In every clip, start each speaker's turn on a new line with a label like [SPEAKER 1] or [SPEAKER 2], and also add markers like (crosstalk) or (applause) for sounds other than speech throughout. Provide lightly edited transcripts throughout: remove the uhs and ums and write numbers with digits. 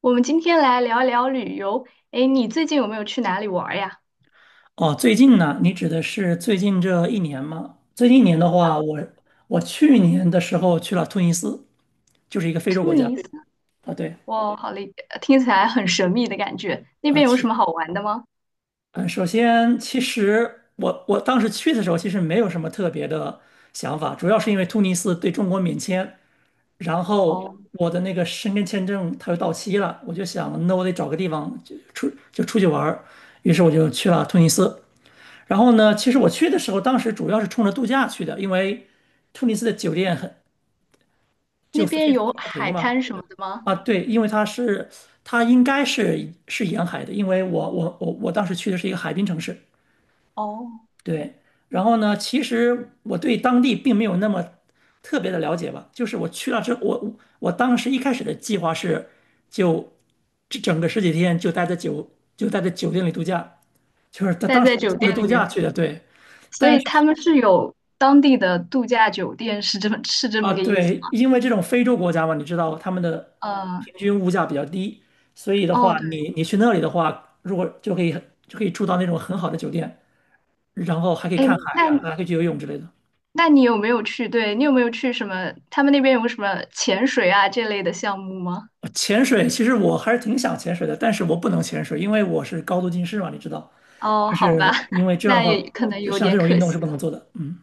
[SPEAKER 1] 我们今天来聊聊旅游。诶，你最近有没有去哪里玩儿呀？
[SPEAKER 2] 哦，最近呢？你指的是最近这一年吗？最近一年的话，我去年的时候去了突尼斯，就是一个非洲
[SPEAKER 1] 突
[SPEAKER 2] 国家
[SPEAKER 1] 尼斯，
[SPEAKER 2] 啊。对，
[SPEAKER 1] 哇，好嘞，听起来很神秘的感觉。那
[SPEAKER 2] 而
[SPEAKER 1] 边有什
[SPEAKER 2] 且，
[SPEAKER 1] 么好玩的吗？
[SPEAKER 2] 嗯，首先，其实我当时去的时候，其实没有什么特别的想法，主要是因为突尼斯对中国免签，然后
[SPEAKER 1] 哦，
[SPEAKER 2] 我的那个申根签证它又到期了，我就想，那我得找个地方就出去玩儿，于是我就去了突尼斯。然后呢，其实我去的时候，当时主要是冲着度假去的，因为突尼斯的酒店很就
[SPEAKER 1] 那
[SPEAKER 2] 非
[SPEAKER 1] 边
[SPEAKER 2] 非
[SPEAKER 1] 有
[SPEAKER 2] 常便宜
[SPEAKER 1] 海
[SPEAKER 2] 嘛。
[SPEAKER 1] 滩什么的吗？
[SPEAKER 2] 啊，对，因为它应该是沿海的，因为我当时去的是一个海滨城市。
[SPEAKER 1] 哦，
[SPEAKER 2] 对，然后呢，其实我对当地并没有那么特别的了解吧，就是我去了之后，我当时一开始的计划是就这整个十几天就待在酒店里度假，就是他
[SPEAKER 1] 待
[SPEAKER 2] 当
[SPEAKER 1] 在
[SPEAKER 2] 时
[SPEAKER 1] 酒
[SPEAKER 2] 冲着
[SPEAKER 1] 店里
[SPEAKER 2] 度假
[SPEAKER 1] 面，
[SPEAKER 2] 去的，对。
[SPEAKER 1] 所
[SPEAKER 2] 但
[SPEAKER 1] 以
[SPEAKER 2] 是。
[SPEAKER 1] 他们是有当地的度假酒店，是这么是这
[SPEAKER 2] 啊，
[SPEAKER 1] 么个意思吗？
[SPEAKER 2] 对，因为这种非洲国家嘛，你知道他们的
[SPEAKER 1] 嗯，
[SPEAKER 2] 平均物价比较低，所以的
[SPEAKER 1] 哦，
[SPEAKER 2] 话，
[SPEAKER 1] 对，
[SPEAKER 2] 你去那里的话，如果就可以住到那种很好的酒店，然后还可以
[SPEAKER 1] 诶，
[SPEAKER 2] 看海
[SPEAKER 1] 那
[SPEAKER 2] 呀、
[SPEAKER 1] 你
[SPEAKER 2] 还可以去游泳之类的。
[SPEAKER 1] 那你有没有去？对，你有没有去什么？他们那边有什么潜水啊这类的项目吗？
[SPEAKER 2] 潜水其实我还是挺想潜水的，但是我不能潜水，因为我是高度近视嘛，你知道，
[SPEAKER 1] 哦，
[SPEAKER 2] 就
[SPEAKER 1] 好吧，
[SPEAKER 2] 是因
[SPEAKER 1] (laughs)
[SPEAKER 2] 为这样的
[SPEAKER 1] 那也
[SPEAKER 2] 话，
[SPEAKER 1] 可能
[SPEAKER 2] 就
[SPEAKER 1] 有
[SPEAKER 2] 像这
[SPEAKER 1] 点
[SPEAKER 2] 种运
[SPEAKER 1] 可
[SPEAKER 2] 动是
[SPEAKER 1] 惜
[SPEAKER 2] 不
[SPEAKER 1] 了。
[SPEAKER 2] 能做的。嗯。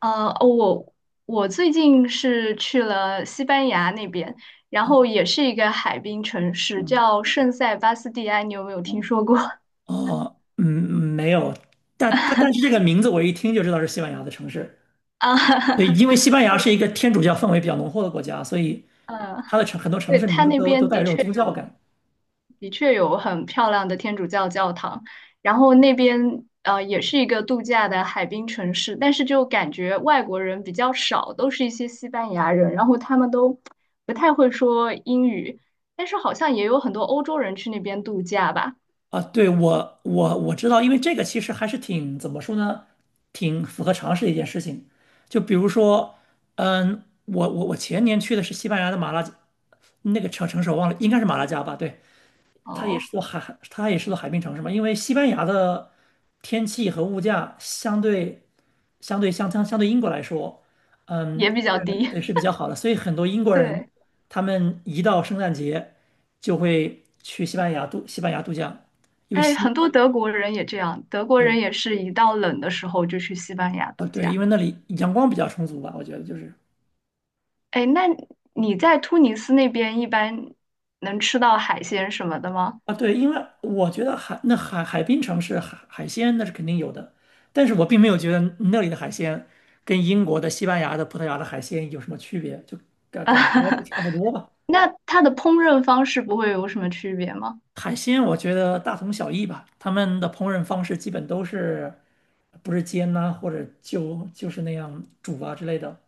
[SPEAKER 1] 呃，我我最近是去了西班牙那边，然后也是一个海滨城市，
[SPEAKER 2] 嗯。
[SPEAKER 1] 叫圣塞巴斯蒂安，你有没有听
[SPEAKER 2] 哦。
[SPEAKER 1] 说过？(laughs)
[SPEAKER 2] 哦嗯，没有，但是这个名字我一听就知道是西班牙的城市。
[SPEAKER 1] 啊，
[SPEAKER 2] 对，因为西班牙
[SPEAKER 1] 对，
[SPEAKER 2] 是一个天主教氛围比较浓厚的国家，所以
[SPEAKER 1] 嗯，
[SPEAKER 2] 它的城很多城
[SPEAKER 1] 对，
[SPEAKER 2] 市名
[SPEAKER 1] 它
[SPEAKER 2] 字
[SPEAKER 1] 那
[SPEAKER 2] 都
[SPEAKER 1] 边
[SPEAKER 2] 带有
[SPEAKER 1] 的
[SPEAKER 2] 这种
[SPEAKER 1] 确
[SPEAKER 2] 宗教
[SPEAKER 1] 有，
[SPEAKER 2] 感
[SPEAKER 1] 的确有很漂亮的天主教教堂，然后那边也是一个度假的海滨城市，但是就感觉外国人比较少，都是一些西班牙人，然后他们都不太会说英语，但是好像也有很多欧洲人去那边度假吧。
[SPEAKER 2] 啊。对，我知道，因为这个其实还是挺怎么说呢，挺符合常识的一件事情。就比如说，我前年去的是西班牙的马拉加那个城市，我忘了，应该是马拉加吧？对，
[SPEAKER 1] 哦，
[SPEAKER 2] 它也是座海滨城市嘛。因为西班牙的天气和物价相对英国来说，
[SPEAKER 1] 也比较
[SPEAKER 2] 是，
[SPEAKER 1] 低。
[SPEAKER 2] 对，是比
[SPEAKER 1] (laughs)
[SPEAKER 2] 较好的。所以很多英国人，
[SPEAKER 1] 对，
[SPEAKER 2] 他们一到圣诞节就会去西班牙度假，因为
[SPEAKER 1] 哎，
[SPEAKER 2] 西，
[SPEAKER 1] 很多德国人也这样，德国
[SPEAKER 2] 对，
[SPEAKER 1] 人也是一到冷的时候就去西班牙
[SPEAKER 2] 啊
[SPEAKER 1] 度
[SPEAKER 2] 对，因
[SPEAKER 1] 假。
[SPEAKER 2] 为那里阳光比较充足吧，我觉得就是
[SPEAKER 1] 哎，那你在突尼斯那边一般能吃到海鲜什么的吗？
[SPEAKER 2] 啊对，因为我觉得海滨城市海鲜那是肯定有的，但是我并没有觉得那里的海鲜跟英国的、西班牙的、葡萄牙的海鲜有什么区别，就感觉都
[SPEAKER 1] (laughs)
[SPEAKER 2] 差不多吧。
[SPEAKER 1] 那它的烹饪方式不会有什么区别吗？
[SPEAKER 2] 海鲜我觉得大同小异吧，他们的烹饪方式基本都是，不是煎呐、或者就是那样煮啊之类的，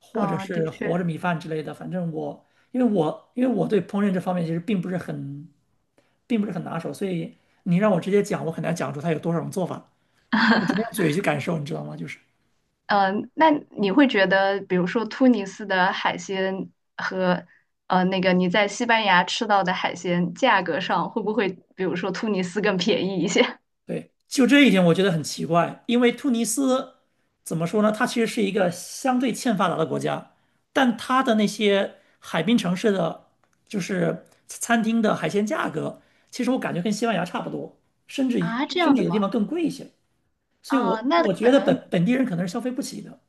[SPEAKER 2] 或者
[SPEAKER 1] 嗯，的
[SPEAKER 2] 是和
[SPEAKER 1] 确，
[SPEAKER 2] 着米饭之类的。反正我，因为我对烹饪这方面其实并不是很拿手，所以你让我直接讲，我很难讲出它有多少种做法，我只能用嘴去感受，你知道吗？
[SPEAKER 1] 嗯，那你会觉得，比如说突尼斯的海鲜和那个你在西班牙吃到的海鲜价格上，会不会比如说突尼斯更便宜一些？
[SPEAKER 2] 对，就这一点我觉得很奇怪，因为突尼斯怎么说呢？它其实是一个相对欠发达的国家，但它的那些海滨城市的，就是餐厅的海鲜价格，其实我感觉跟西班牙差不多，甚至
[SPEAKER 1] 啊，这
[SPEAKER 2] 甚
[SPEAKER 1] 样
[SPEAKER 2] 至
[SPEAKER 1] 的
[SPEAKER 2] 有的地
[SPEAKER 1] 吗？
[SPEAKER 2] 方更贵一些。所以
[SPEAKER 1] 啊，
[SPEAKER 2] 我，
[SPEAKER 1] 那
[SPEAKER 2] 我
[SPEAKER 1] 可
[SPEAKER 2] 觉得
[SPEAKER 1] 能
[SPEAKER 2] 本地人可能是消费不起的。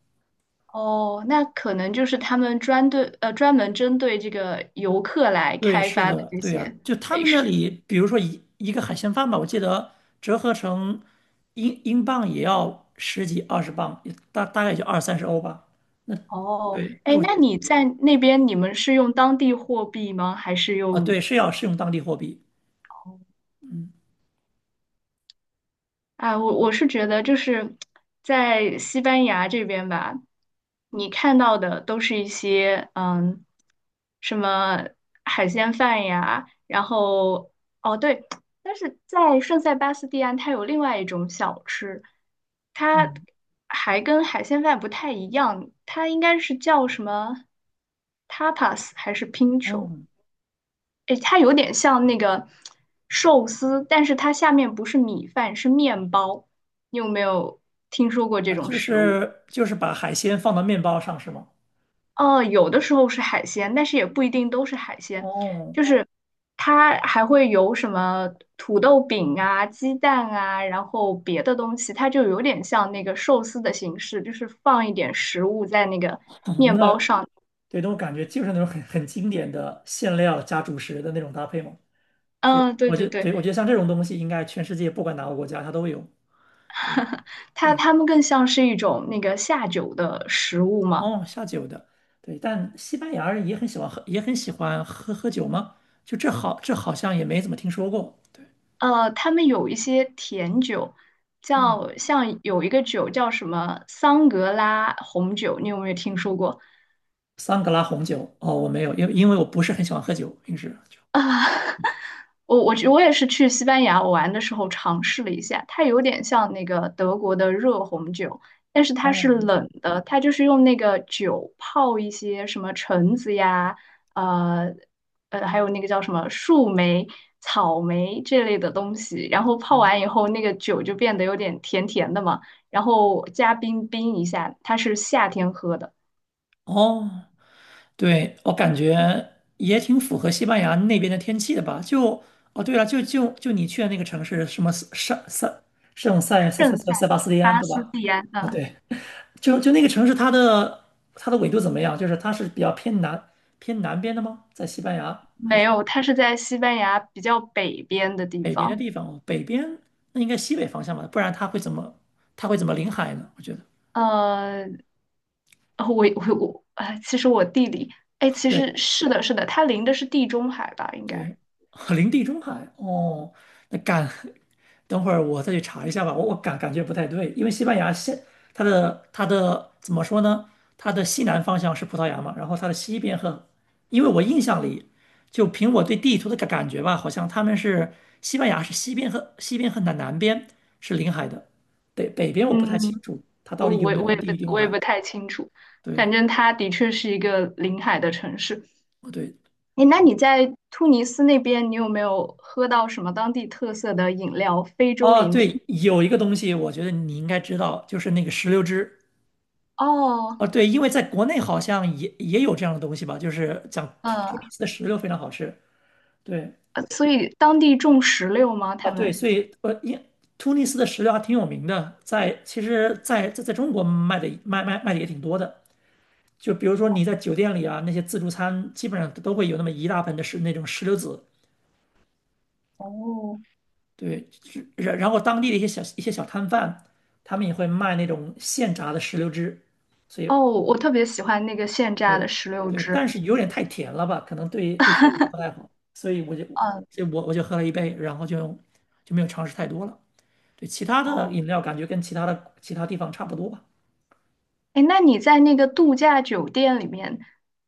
[SPEAKER 1] 哦，那可能就是他们专门针对这个游客来
[SPEAKER 2] 对，
[SPEAKER 1] 开
[SPEAKER 2] 是
[SPEAKER 1] 发的
[SPEAKER 2] 的，
[SPEAKER 1] 这
[SPEAKER 2] 对呀，
[SPEAKER 1] 些
[SPEAKER 2] 就他
[SPEAKER 1] 美
[SPEAKER 2] 们那
[SPEAKER 1] 食。
[SPEAKER 2] 里，比如说一个海鲜饭吧，我记得折合成英镑也要十几二十磅，也大概也就二三十欧吧。那。
[SPEAKER 1] 哦，
[SPEAKER 2] 对，
[SPEAKER 1] 哎，那你在那边你们是用当地货币吗？还是
[SPEAKER 2] 啊，对，
[SPEAKER 1] 用？
[SPEAKER 2] 是用当地货币。
[SPEAKER 1] 哦
[SPEAKER 2] 嗯。
[SPEAKER 1] 啊，我是觉得就是在西班牙这边吧，你看到的都是一些嗯，什么海鲜饭呀，然后哦对，但是在圣塞巴斯蒂安，它有另外一种小吃，它
[SPEAKER 2] 嗯。
[SPEAKER 1] 还跟海鲜饭不太一样，它应该是叫什么 tapas 还是 pincho?
[SPEAKER 2] 哦。
[SPEAKER 1] 诶，它有点像那个寿司，但是它下面不是米饭，是面包。你有没有听说过这种
[SPEAKER 2] 就
[SPEAKER 1] 食物？
[SPEAKER 2] 是就是把海鲜放到面包上是吗？
[SPEAKER 1] 哦，有的时候是海鲜，但是也不一定都是海鲜，
[SPEAKER 2] 哦，
[SPEAKER 1] 就是它还会有什么土豆饼啊、鸡蛋啊，然后别的东西，它就有点像那个寿司的形式，就是放一点食物在那个
[SPEAKER 2] (laughs)
[SPEAKER 1] 面包
[SPEAKER 2] 那
[SPEAKER 1] 上。
[SPEAKER 2] 对，那我感觉就是那种很经典的馅料加主食的那种搭配嘛。这
[SPEAKER 1] 嗯，对
[SPEAKER 2] 我觉
[SPEAKER 1] 对对，
[SPEAKER 2] 对，我觉得像这种东西，应该全世界不管哪个国家它都有。对，
[SPEAKER 1] 它
[SPEAKER 2] 对，
[SPEAKER 1] 它们更像是一种那个下酒的食物嘛。
[SPEAKER 2] 哦，下酒的，对，但西班牙人也很喜欢喝，也很喜欢喝酒吗？就这好，这好像也没怎么听说过。对，
[SPEAKER 1] 呃，他们有一些甜酒，
[SPEAKER 2] 嗯。
[SPEAKER 1] 叫像有一个酒叫什么桑格拉红酒，你有没有听说过？
[SPEAKER 2] 桑格拉红酒哦，我没有，因为我不是很喜欢喝酒，平时就
[SPEAKER 1] 啊，(laughs) 我也是去西班牙玩的时候尝试了一下，它有点像那个德国的热红酒，但是它是
[SPEAKER 2] 哦。
[SPEAKER 1] 冷的，它就是用那个酒泡一些什么橙子呀，呃还有那个叫什么树莓、草莓这类的东西，然后泡
[SPEAKER 2] 没
[SPEAKER 1] 完以后，那个酒就变得有点甜甜的嘛，然后加冰冰一下，它是夏天喝的，
[SPEAKER 2] 哦，对，我感觉也挺符合西班牙那边的天气的吧？对了，就就就你去的那个城市，什么圣圣圣塞塞塞
[SPEAKER 1] 圣塞
[SPEAKER 2] 塞塞巴斯蒂安，
[SPEAKER 1] 巴
[SPEAKER 2] 对
[SPEAKER 1] 斯
[SPEAKER 2] 吧？
[SPEAKER 1] 蒂安，
[SPEAKER 2] 哦，
[SPEAKER 1] 嗯。
[SPEAKER 2] 对，就那个城市，它的纬度怎么样？就是它是比较偏南边的吗？在西班牙还
[SPEAKER 1] 没
[SPEAKER 2] 是
[SPEAKER 1] 有，它是在西班牙比较北边的地
[SPEAKER 2] 北边的
[SPEAKER 1] 方。
[SPEAKER 2] 地方？哦，北边那应该西北方向吧，不然它会怎么临海呢？我觉得。
[SPEAKER 1] 呃，我我我，哎，其实我地理，哎，其实
[SPEAKER 2] 对。
[SPEAKER 1] 是的，是的，它临的是地中海吧，应该。
[SPEAKER 2] 对，(laughs) 林地中海哦，那感，(laughs) 等会儿我再去查一下吧。我感觉不太对，因为西班牙现它的怎么说呢？它的西南方向是葡萄牙嘛，然后它的西边和，因为我印象里，就凭我对地图的感觉吧，好像他们是西班牙是西边和南边是临海的，北边我不太清
[SPEAKER 1] 嗯，
[SPEAKER 2] 楚它到
[SPEAKER 1] 我
[SPEAKER 2] 底有
[SPEAKER 1] 我
[SPEAKER 2] 没有
[SPEAKER 1] 我
[SPEAKER 2] 跟
[SPEAKER 1] 也
[SPEAKER 2] 地
[SPEAKER 1] 不
[SPEAKER 2] 地中
[SPEAKER 1] 我也
[SPEAKER 2] 海。
[SPEAKER 1] 不太清楚，
[SPEAKER 2] 对，
[SPEAKER 1] 反正它的确是一个临海的城市。
[SPEAKER 2] 哦对，
[SPEAKER 1] 哎，那你在突尼斯那边，你有没有喝到什么当地特色的饮料？非洲
[SPEAKER 2] 哦
[SPEAKER 1] 饮品？
[SPEAKER 2] 对，有一个东西我觉得你应该知道，就是那个石榴汁。
[SPEAKER 1] 哦，
[SPEAKER 2] 哦，对，因为在国内好像也有这样的东西吧，就是讲突突尼
[SPEAKER 1] 嗯，
[SPEAKER 2] 斯的石榴非常好吃。对，
[SPEAKER 1] 所以当地种石榴吗？
[SPEAKER 2] 啊，
[SPEAKER 1] 他
[SPEAKER 2] 对，
[SPEAKER 1] 们？
[SPEAKER 2] 所以突尼斯的石榴还挺有名的，其实在中国卖的也挺多的。就比如说你在酒店里啊，那些自助餐基本上都会有那么一大盆的那种石榴籽。
[SPEAKER 1] 哦，
[SPEAKER 2] 对，然后当地的一些小摊贩，他们也会卖那种现榨的石榴汁，所以
[SPEAKER 1] 哦，我特别喜欢那个现榨
[SPEAKER 2] 对，
[SPEAKER 1] 的石榴
[SPEAKER 2] 对，
[SPEAKER 1] 汁。
[SPEAKER 2] 但是有点太甜了吧，可能对血糖
[SPEAKER 1] (laughs)
[SPEAKER 2] 不太好，所以我就
[SPEAKER 1] 嗯，
[SPEAKER 2] 所以我我就喝了一杯，然后就没有尝试太多了。对，其他的
[SPEAKER 1] 哦，
[SPEAKER 2] 饮料感觉跟其他地方差不多吧。
[SPEAKER 1] 哎，那你在那个度假酒店里面，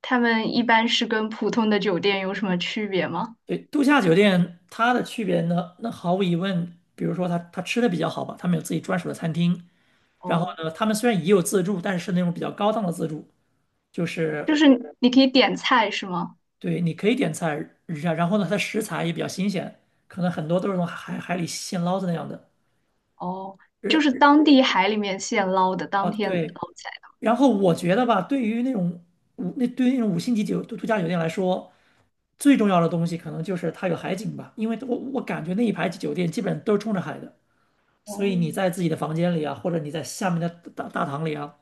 [SPEAKER 1] 他们一般是跟普通的酒店有什么区别吗？
[SPEAKER 2] 对，度假酒店它的区别呢，那毫无疑问，比如说它吃的比较好吧，他们有自己专属的餐厅，然后
[SPEAKER 1] 哦，
[SPEAKER 2] 呢，他们虽然也有自助，但是是那种比较高档的自助，就
[SPEAKER 1] 就
[SPEAKER 2] 是
[SPEAKER 1] 是你可以点菜是吗？
[SPEAKER 2] 对，你可以点菜，然后呢，它的食材也比较新鲜，可能很多都是从海里现捞的那样的。
[SPEAKER 1] 哦，就是
[SPEAKER 2] 日
[SPEAKER 1] 当地海里面现捞的，当
[SPEAKER 2] 哦，
[SPEAKER 1] 天捞
[SPEAKER 2] 对
[SPEAKER 1] 起来
[SPEAKER 2] 然后我觉得吧，对于那种五那对于那种五星级度假酒店来说，最重要的东西可能就是它有海景吧，因为我感觉那一排酒店基本都是冲着海的，
[SPEAKER 1] 的哦，
[SPEAKER 2] 所以你在自己的房间里啊，或者你在下面的大堂里啊，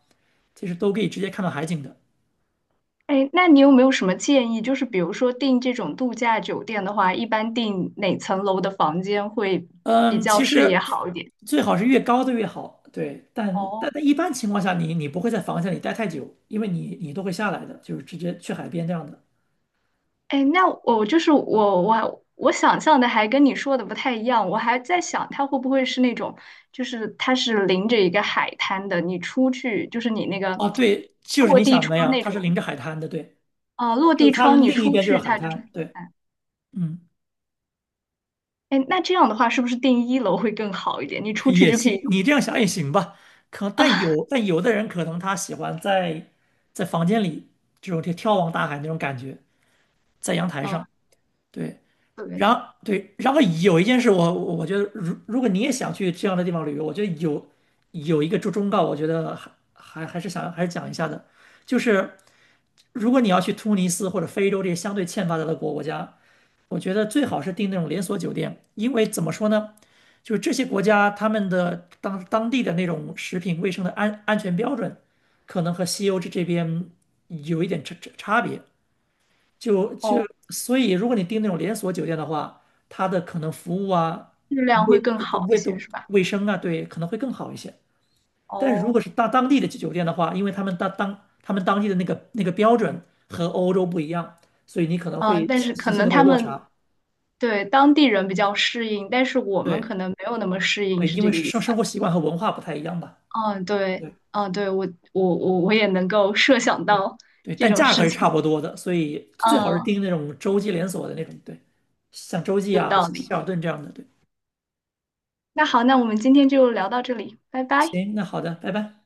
[SPEAKER 2] 其实都可以直接看到海景的。
[SPEAKER 1] 哎，那你有没有什么建议？就是比如说订这种度假酒店的话，一般订哪层楼的房间会比
[SPEAKER 2] 嗯，
[SPEAKER 1] 较
[SPEAKER 2] 其
[SPEAKER 1] 视野
[SPEAKER 2] 实
[SPEAKER 1] 好一点？
[SPEAKER 2] 最好是越高的越好，对，但
[SPEAKER 1] 哦。
[SPEAKER 2] 但但一般情况下你不会在房间里待太久，因为你你都会下来的，就是直接去海边这样的。
[SPEAKER 1] 哎，那我就是我，我想象的还跟你说的不太一样，我还在想它会不会是那种，就是它是临着一个海滩的，你出去就是你那个
[SPEAKER 2] 哦，对，就是
[SPEAKER 1] 落
[SPEAKER 2] 你
[SPEAKER 1] 地
[SPEAKER 2] 想怎么
[SPEAKER 1] 窗
[SPEAKER 2] 样，
[SPEAKER 1] 那
[SPEAKER 2] 它是临
[SPEAKER 1] 种，
[SPEAKER 2] 着海滩的，对。
[SPEAKER 1] 啊、落
[SPEAKER 2] 就是
[SPEAKER 1] 地
[SPEAKER 2] 它
[SPEAKER 1] 窗你
[SPEAKER 2] 另一
[SPEAKER 1] 出
[SPEAKER 2] 边就是
[SPEAKER 1] 去
[SPEAKER 2] 海
[SPEAKER 1] 它就是
[SPEAKER 2] 滩，
[SPEAKER 1] 海
[SPEAKER 2] 对，
[SPEAKER 1] 滩。
[SPEAKER 2] 嗯，
[SPEAKER 1] 哎，那这样的话是不是订一楼会更好一点？你出去
[SPEAKER 2] 也
[SPEAKER 1] 就可
[SPEAKER 2] 行，
[SPEAKER 1] 以
[SPEAKER 2] 你这样想也行吧。可但
[SPEAKER 1] 啊，(laughs)
[SPEAKER 2] 有但有的人可能他喜欢在房间里这种眺望大海那种感觉，在阳台
[SPEAKER 1] 嗯，
[SPEAKER 2] 上，对。
[SPEAKER 1] 对，
[SPEAKER 2] 然后对，然后有一件事我觉得如果你也想去这样的地方旅游，我觉得有一个忠告，我觉得还是讲一下的，就是。如果你要去突尼斯或者非洲这些相对欠发达的国家，我觉得最好是订那种连锁酒店，因为怎么说呢，就是这些国家他们的当地的那种食品卫生的安全标准，可能和西欧这边有一点差别。就就
[SPEAKER 1] 哦，
[SPEAKER 2] 所以，如果你订那种连锁酒店的话，它的可能服务啊、
[SPEAKER 1] 质量会
[SPEAKER 2] 卫
[SPEAKER 1] 更好一
[SPEAKER 2] 卫的
[SPEAKER 1] 些是吧？
[SPEAKER 2] 卫生啊，对，可能会更好一些。但是如果
[SPEAKER 1] 哦，
[SPEAKER 2] 是到当地的酒店的话，因为他们当地的那个标准和欧洲不一样，所以你可能
[SPEAKER 1] 嗯，
[SPEAKER 2] 会
[SPEAKER 1] 但是可
[SPEAKER 2] 心里
[SPEAKER 1] 能
[SPEAKER 2] 会
[SPEAKER 1] 他
[SPEAKER 2] 有落
[SPEAKER 1] 们
[SPEAKER 2] 差。
[SPEAKER 1] 对当地人比较适应，但是我们
[SPEAKER 2] 对，
[SPEAKER 1] 可能没有那么适应，
[SPEAKER 2] 对，
[SPEAKER 1] 是
[SPEAKER 2] 因为
[SPEAKER 1] 这个意
[SPEAKER 2] 生
[SPEAKER 1] 思。吧？
[SPEAKER 2] 生活习惯和文化不太一样吧。
[SPEAKER 1] 嗯，对，
[SPEAKER 2] 对
[SPEAKER 1] 嗯，对，我也能够设想
[SPEAKER 2] 对
[SPEAKER 1] 到
[SPEAKER 2] 对，
[SPEAKER 1] 这
[SPEAKER 2] 但
[SPEAKER 1] 种
[SPEAKER 2] 价格
[SPEAKER 1] 事
[SPEAKER 2] 是差
[SPEAKER 1] 情，
[SPEAKER 2] 不多的，所以最好是
[SPEAKER 1] 嗯，
[SPEAKER 2] 订那种洲际连锁的那种，对，像洲际
[SPEAKER 1] 有
[SPEAKER 2] 啊、
[SPEAKER 1] 道理。
[SPEAKER 2] 希尔顿这样的。对，
[SPEAKER 1] 那好，那我们今天就聊到这里，拜拜。
[SPEAKER 2] 行，那好的，拜拜。